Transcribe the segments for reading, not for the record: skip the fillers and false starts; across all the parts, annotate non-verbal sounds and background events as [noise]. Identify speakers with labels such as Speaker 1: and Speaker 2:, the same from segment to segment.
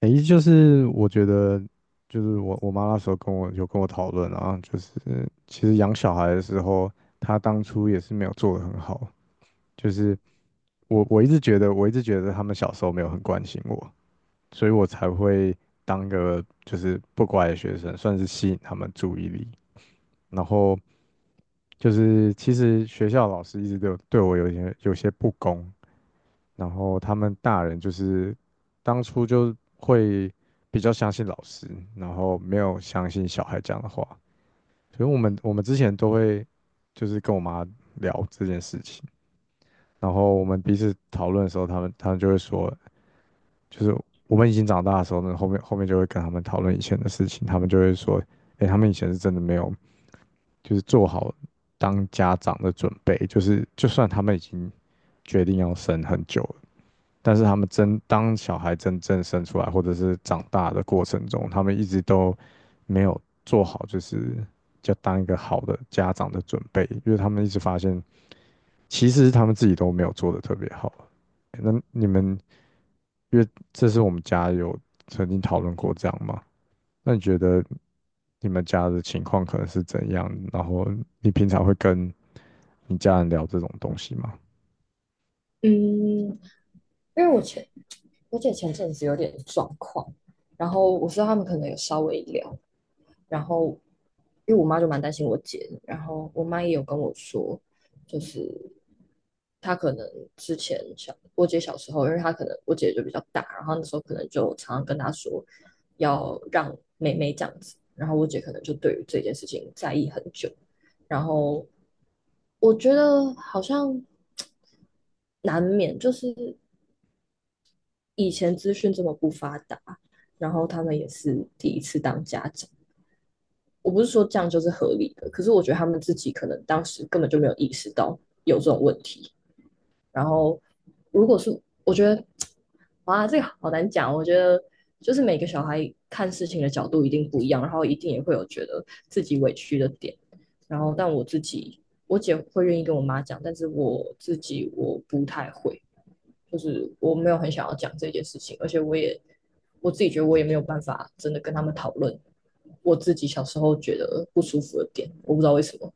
Speaker 1: 诶，就是我觉得，就是我妈那时候有跟我讨论啊，就是其实养小孩的时候，她当初也是没有做得很好，就是我一直觉得他们小时候没有很关心我，所以我才会当个就是不乖的学生，算是吸引他们注意力。然后就是其实学校老师一直都有对我有一些不公，然后他们大人就是当初就会比较相信老师，然后没有相信小孩讲的话。所以我们之前都会就是跟我妈聊这件事情，然后我们彼此讨论的时候，他们就会说，就是我们已经长大的时候呢，后面就会跟他们讨论以前的事情，他们就会说，哎，他们以前是真的没有，就是做好当家长的准备，就是就算他们已经决定要生很久了，但是他们当小孩真正生出来，或者是长大的过程中，他们一直都没有做好，就是要当一个好的家长的准备，因为他们一直发现，其实他们自己都没有做的特别好。那你们，因为这是我们家有曾经讨论过这样吗？那你觉得你们家的情况可能是怎样？然后你平常会跟你家人聊这种东西吗？
Speaker 2: 嗯，因为我前我姐前阵子有点状况，然后我知道他们可能有稍微聊。然后因为我妈就蛮担心我姐的，然后我妈也有跟我说，就是她可能之前小我姐小时候，因为她可能，我姐就比较大，然后那时候可能就常常跟她说要让妹妹这样子，然后我姐可能就对于这件事情在意很久。然后我觉得好像 [tsk] 难免就是以前资讯这么不发达，然后他们也是第一次当家长。我不是说这样就是合理的，可是我觉得他们自己可能当时根本就没有意识到有这种问题。然后，如果是，我觉得，哇，这个好难讲。我觉得就是每个小孩看事情的角度一定不一样，然后一定也会有觉得自己委屈的点。然后，但我自己，我姐会愿意跟我妈讲，但是我自己我不太会。就是我没有很想要讲这件事情，而且我自己觉得我也没有办法真的跟他们讨论我自己小时候觉得不舒服的点，我不知道为什么，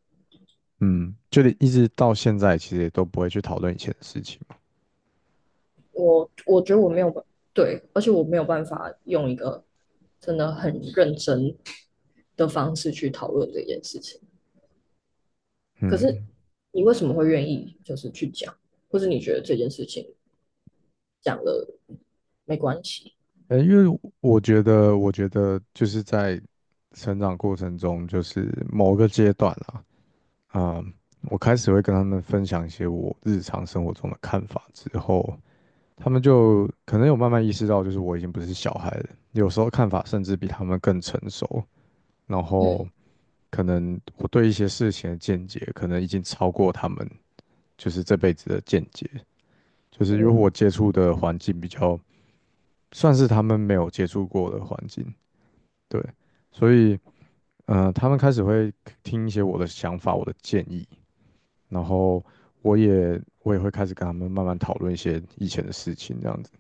Speaker 1: 嗯，就连一直到现在，其实也都不会去讨论以前的事情嘛。
Speaker 2: 我觉得我没有对，而且我没有办法用一个真的很认真的方式去讨论这件事情。可是
Speaker 1: 嗯，
Speaker 2: 你为什么会愿意就是去讲，或是你觉得这件事情讲了没关系？
Speaker 1: 因为我觉得，就是在成长过程中，就是某个阶段啦，啊、我开始会跟他们分享一些我日常生活中的看法之后，他们就可能有慢慢意识到，就是我已经不是小孩了，有时候看法甚至比他们更成熟，然后
Speaker 2: 嗯
Speaker 1: 可能我对一些事情的见解，可能已经超过他们就是这辈子的见解。就是因为我
Speaker 2: 嗯，
Speaker 1: 接触的环境比较算是他们没有接触过的环境，对，所以他们开始会听一些我的想法、我的建议，然后我也会开始跟他们慢慢讨论一些以前的事情，这样子，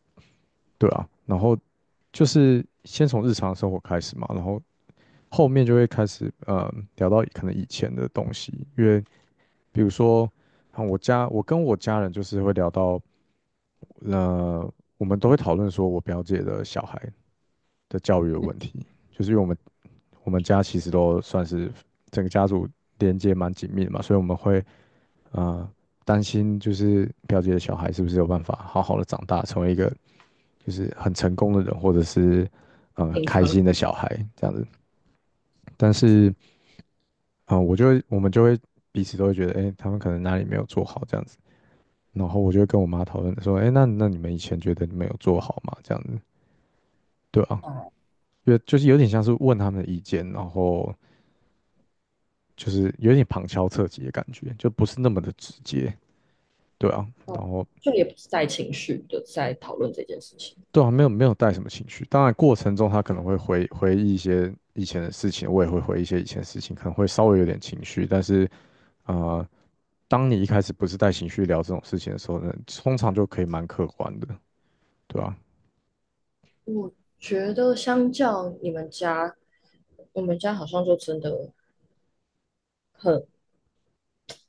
Speaker 1: 对啊，然后就是先从日常生活开始嘛，然后后面就会开始聊到可能以前的东西，因为比如说啊，我跟我家人就是会聊到那我们都会讨论说我表姐的小孩的教育的问题，就是因为我们家其实都算是整个家族连接蛮紧密的嘛，所以我们会呃担心就是表姐的小孩是不是有办法好好的长大，成为一个就是很成功的人，或者是
Speaker 2: 健
Speaker 1: 开
Speaker 2: 康。
Speaker 1: 心的小孩这样子。但是我们就会彼此都会觉得，哎，他们可能哪里没有做好这样子。然后我就会跟我妈讨论说，哎，那你们以前觉得你们有做好吗？这样子，对啊，
Speaker 2: 哦、
Speaker 1: 有就是有点像是问他们的意见，然后就是有点旁敲侧击的感觉，就不是那么的直接，对啊，
Speaker 2: 哦，
Speaker 1: 然后
Speaker 2: 就也不是带情绪的在讨论这件事情。
Speaker 1: 对啊，没有没有带什么情绪，当然过程中他可能会回忆一些以前的事情，我也会回忆一些以前的事情，可能会稍微有点情绪，但是啊，当你一开始不是带情绪聊这种事情的时候呢，通常就可以蛮客观的，对啊，
Speaker 2: 觉得相较你们家，我们家好像就真的很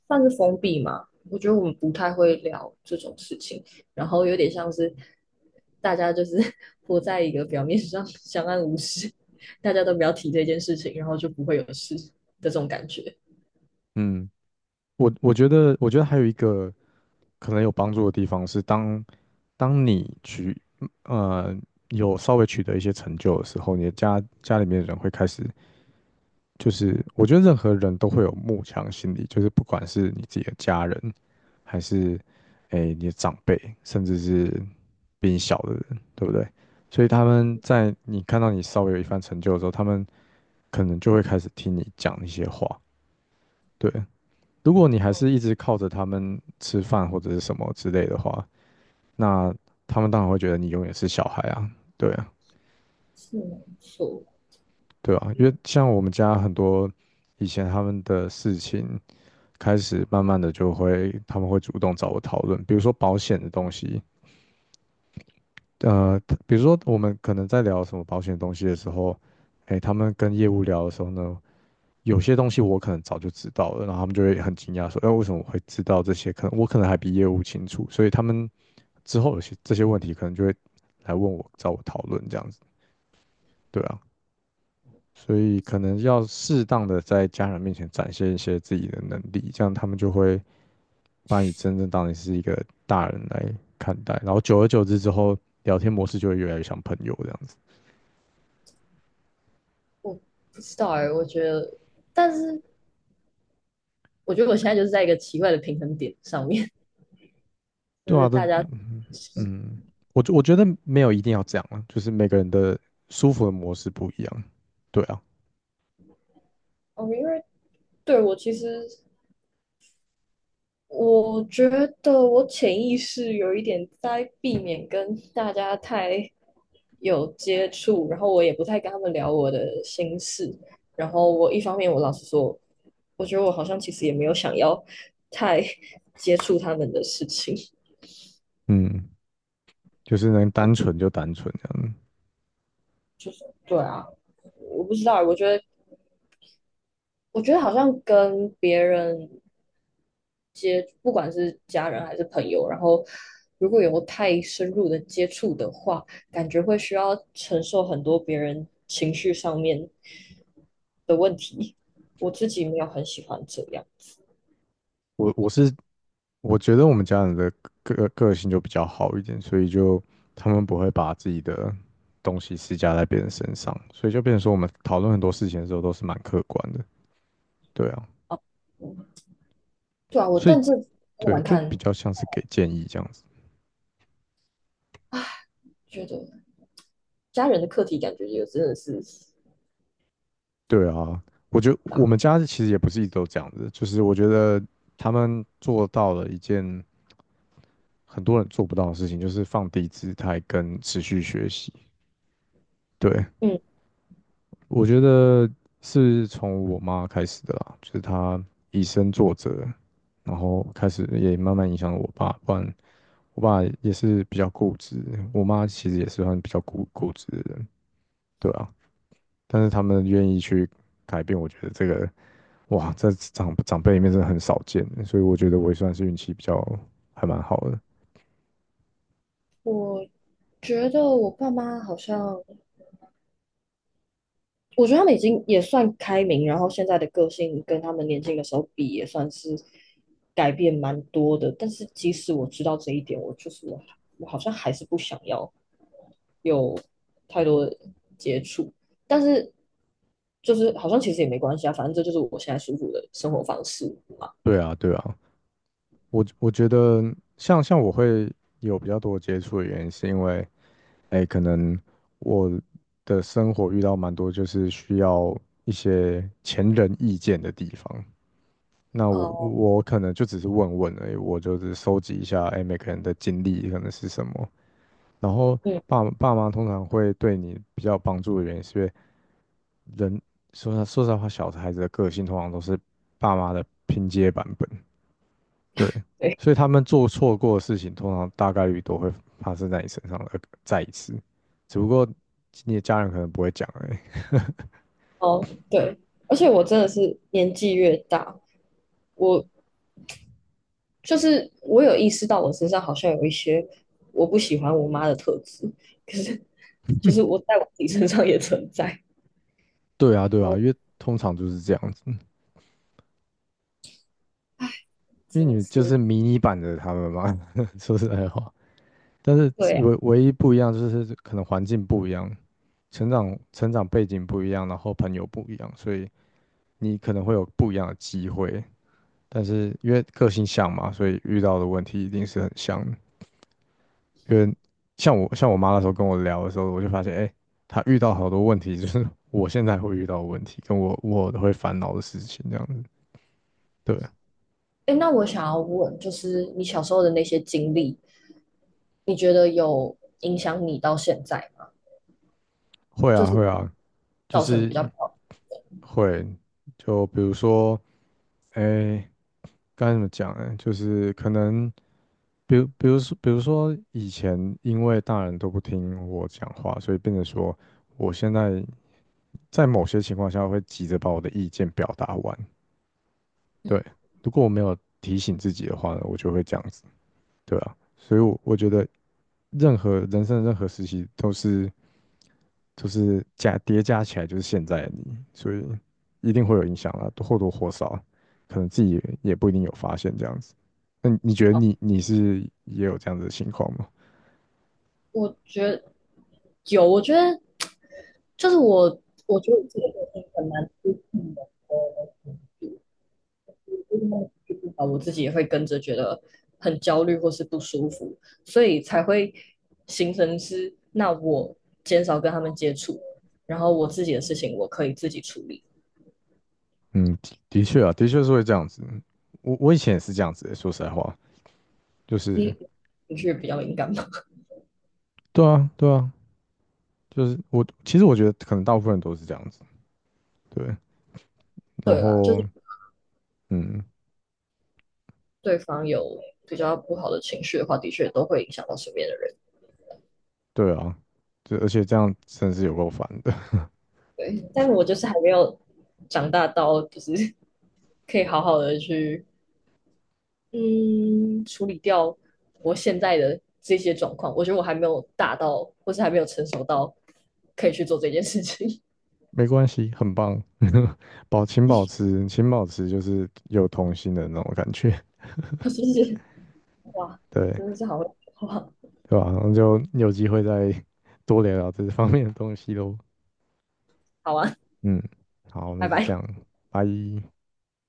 Speaker 2: 算是封闭嘛。我觉得我们不太会聊这种事情，然后有点像是大家就是 [laughs] 活在一个表面上相安无事，大家都不要提这件事情，然后就不会有事的这种感觉。
Speaker 1: 嗯。我觉得还有一个可能有帮助的地方是当，当你呃有稍微取得一些成就的时候，你的家里面的人会开始，就是我觉得任何人都会有慕强心理，就是不管是你自己的家人，还是你的长辈，甚至是比你小的人，对不对？所以他们在你看到你稍微有一番成就的时候，他们可能就会开始听你讲一些话，对。如果你还
Speaker 2: 嗯，
Speaker 1: 是一直靠着他们吃饭或者是什么之类的话，那他们当然会觉得你永远是小孩啊，对啊，
Speaker 2: 是没错。
Speaker 1: 对啊，因
Speaker 2: 嗯，
Speaker 1: 为像我们家很多以前他们的事情，开始慢慢的就会他们会主动找我讨论，比如说保险的东西，呃，比如说我们可能在聊什么保险的东西的时候，哎，他们跟业务聊的时候呢。有些东西我可能早就知道了，然后他们就会很惊讶说："哎，为什么我会知道这些？我可能还比业务清楚。"所以他们之后有些这些问题可能就会来问我，找我讨论这样子，对啊，所以可能要适当的在家人面前展现一些自己的能力，这样他们就会把你真正当你是一个大人来看待，然后久而久之之后，聊天模式就会越来越像朋友这样子，
Speaker 2: 我不知道，哎、欸我觉得，但是我觉得我现在就是在一个奇怪的平衡点上面。就
Speaker 1: 对啊，
Speaker 2: 是
Speaker 1: 这
Speaker 2: 大家。
Speaker 1: 嗯嗯，我觉得没有一定要这样啊，就是每个人的舒服的模式不一样，对啊，
Speaker 2: 哦，因为对我其实，我觉得我潜意识有一点在避免跟大家太有接触，然后我也不太跟他们聊我的心事。然后我一方面，我老实说，我觉得我好像其实也没有想要太接触他们的事情。
Speaker 1: 嗯，就是能单纯就单纯这样，
Speaker 2: 对啊，我不知道，我觉得，我觉得好像跟别人，不管是家人还是朋友，然后如果有太深入的接触的话，感觉会需要承受很多别人情绪上面的问题。我自己没有很喜欢这样，
Speaker 1: 我我是我觉得我们家人的个性就比较好一点，所以就他们不会把自己的东西施加在别人身上，所以就变成说我们讨论很多事情的时候都是蛮客观的，对啊，
Speaker 2: 嗯对啊，我
Speaker 1: 所以
Speaker 2: 但是我
Speaker 1: 对，
Speaker 2: 来
Speaker 1: 就比
Speaker 2: 看，
Speaker 1: 较像是给建议这样子，
Speaker 2: 觉得家人的课题感觉也真的是
Speaker 1: 对啊，我觉得我
Speaker 2: 大。
Speaker 1: 们家其实也不是一直都这样子，就是我觉得他们做到了一件很多人做不到的事情，就是放低姿态跟持续学习，对，
Speaker 2: 嗯，
Speaker 1: 我觉得是从我妈开始的啦，就是她以身作则，然后开始也慢慢影响了我爸。不然我爸也是比较固执，我妈其实也是算比较固执的人，对啊。但是他们愿意去改变，我觉得这个哇，在长辈里面真的很少见，所以我觉得我也算是运气比较还蛮好的。
Speaker 2: 我觉得我爸妈好像，我觉得他们已经也算开明，然后现在的个性跟他们年轻的时候比，也算是改变蛮多的。但是即使我知道这一点，我好像还是不想要有太多的接触。但是就是好像其实也没关系啊，反正这就是我现在舒服的生活方式。
Speaker 1: 对啊，对啊。我觉得像我会有比较多接触的原因，是因为，哎，可能我的生活遇到蛮多就是需要一些前人意见的地方。那我
Speaker 2: 哦，
Speaker 1: 我可能就只是问问而已，我就是收集一下，哎，每个人的经历可能是什么。然后
Speaker 2: 嗯，
Speaker 1: 爸爸妈通常会对你比较有帮助的原因，是因为人说实话，小孩子的个性通常都是爸妈的拼接版本。对，
Speaker 2: 对，
Speaker 1: 所以他们做错过的事情，通常大概率都会发生在你身上的再一次，只不过你的家人可能不会讲而已。
Speaker 2: 哦，对，而且我真的是年纪越大，我就是我有意识到我身上好像有一些我不喜欢我妈的特质，可是就是我在我自己身上也存在。
Speaker 1: 对啊，对
Speaker 2: 然
Speaker 1: 啊，
Speaker 2: 后
Speaker 1: 因为通常就是这样子，因为
Speaker 2: 真的
Speaker 1: 你就是
Speaker 2: 是，
Speaker 1: 迷你版的他们嘛，[laughs] 说实在话。但是
Speaker 2: 对啊，
Speaker 1: 唯一不一样就是可能环境不一样，成长背景不一样，然后朋友不一样，所以你可能会有不一样的机会。但是因为个性像嘛，所以遇到的问题一定是很像的。因为像我妈那时候跟我聊的时候，我就发现，哎，她遇到好多问题，就是我现在会遇到的问题，跟我我会烦恼的事情这样子。对，
Speaker 2: 哎，那我想要问，就是你小时候的那些经历，你觉得有影响你到现在吗？
Speaker 1: 会
Speaker 2: 就
Speaker 1: 啊
Speaker 2: 是
Speaker 1: 会啊，就
Speaker 2: 造成
Speaker 1: 是
Speaker 2: 比较不好？
Speaker 1: 会，就比如说，哎，该怎么讲呢？就是可能，比如说以前因为大人都不听我讲话，所以变成说，我现在在某些情况下会急着把我的意见表达完。对，如果我没有提醒自己的话呢，我就会这样子。对啊，所以我觉得任何人生的任何时期都是就是叠加起来就是现在的你，所以一定会有影响啦，或多或少，可能自己也不一定有发现这样子。那你觉得你是也有这样子的情况吗？
Speaker 2: 我觉得有，我觉得就是我，我觉得我自己的个性很难，就是那种情绪不好，我自己也会跟着觉得很焦虑或是不舒服，所以才会形成是，那我减少跟他们接触，然后我自己的事情我可以自己处理。
Speaker 1: 嗯，的确啊，的确是会这样子。我以前也是这样子的，说实在话，就是
Speaker 2: 你情绪比较敏感嘛。
Speaker 1: 对啊，对啊，就是我其实我觉得可能大部分人都是这样子，对。
Speaker 2: [laughs]
Speaker 1: 然
Speaker 2: 对啦，就
Speaker 1: 后
Speaker 2: 是
Speaker 1: 嗯，
Speaker 2: 对方有比较不好的情绪的话，的确都会影响到身边的人。
Speaker 1: 对啊，这而且这样真是有够烦的。[laughs]
Speaker 2: 对，但我就是还没有长大到，就是 [laughs] 可以好好的去嗯处理掉我现在的这些状况。我觉得我还没有大到，或是还没有成熟到可以去做这件事情。[laughs]
Speaker 1: 没关系，很棒，[laughs] 请保持，请保持就是有童心的那种感觉，
Speaker 2: 谢谢，哇，
Speaker 1: 对
Speaker 2: 真的是好会，哇，
Speaker 1: 吧,那就有机会再多聊聊这方面的东西喽。
Speaker 2: 好啊，
Speaker 1: 嗯，好，那
Speaker 2: 拜
Speaker 1: 就这
Speaker 2: 拜。
Speaker 1: 样，拜。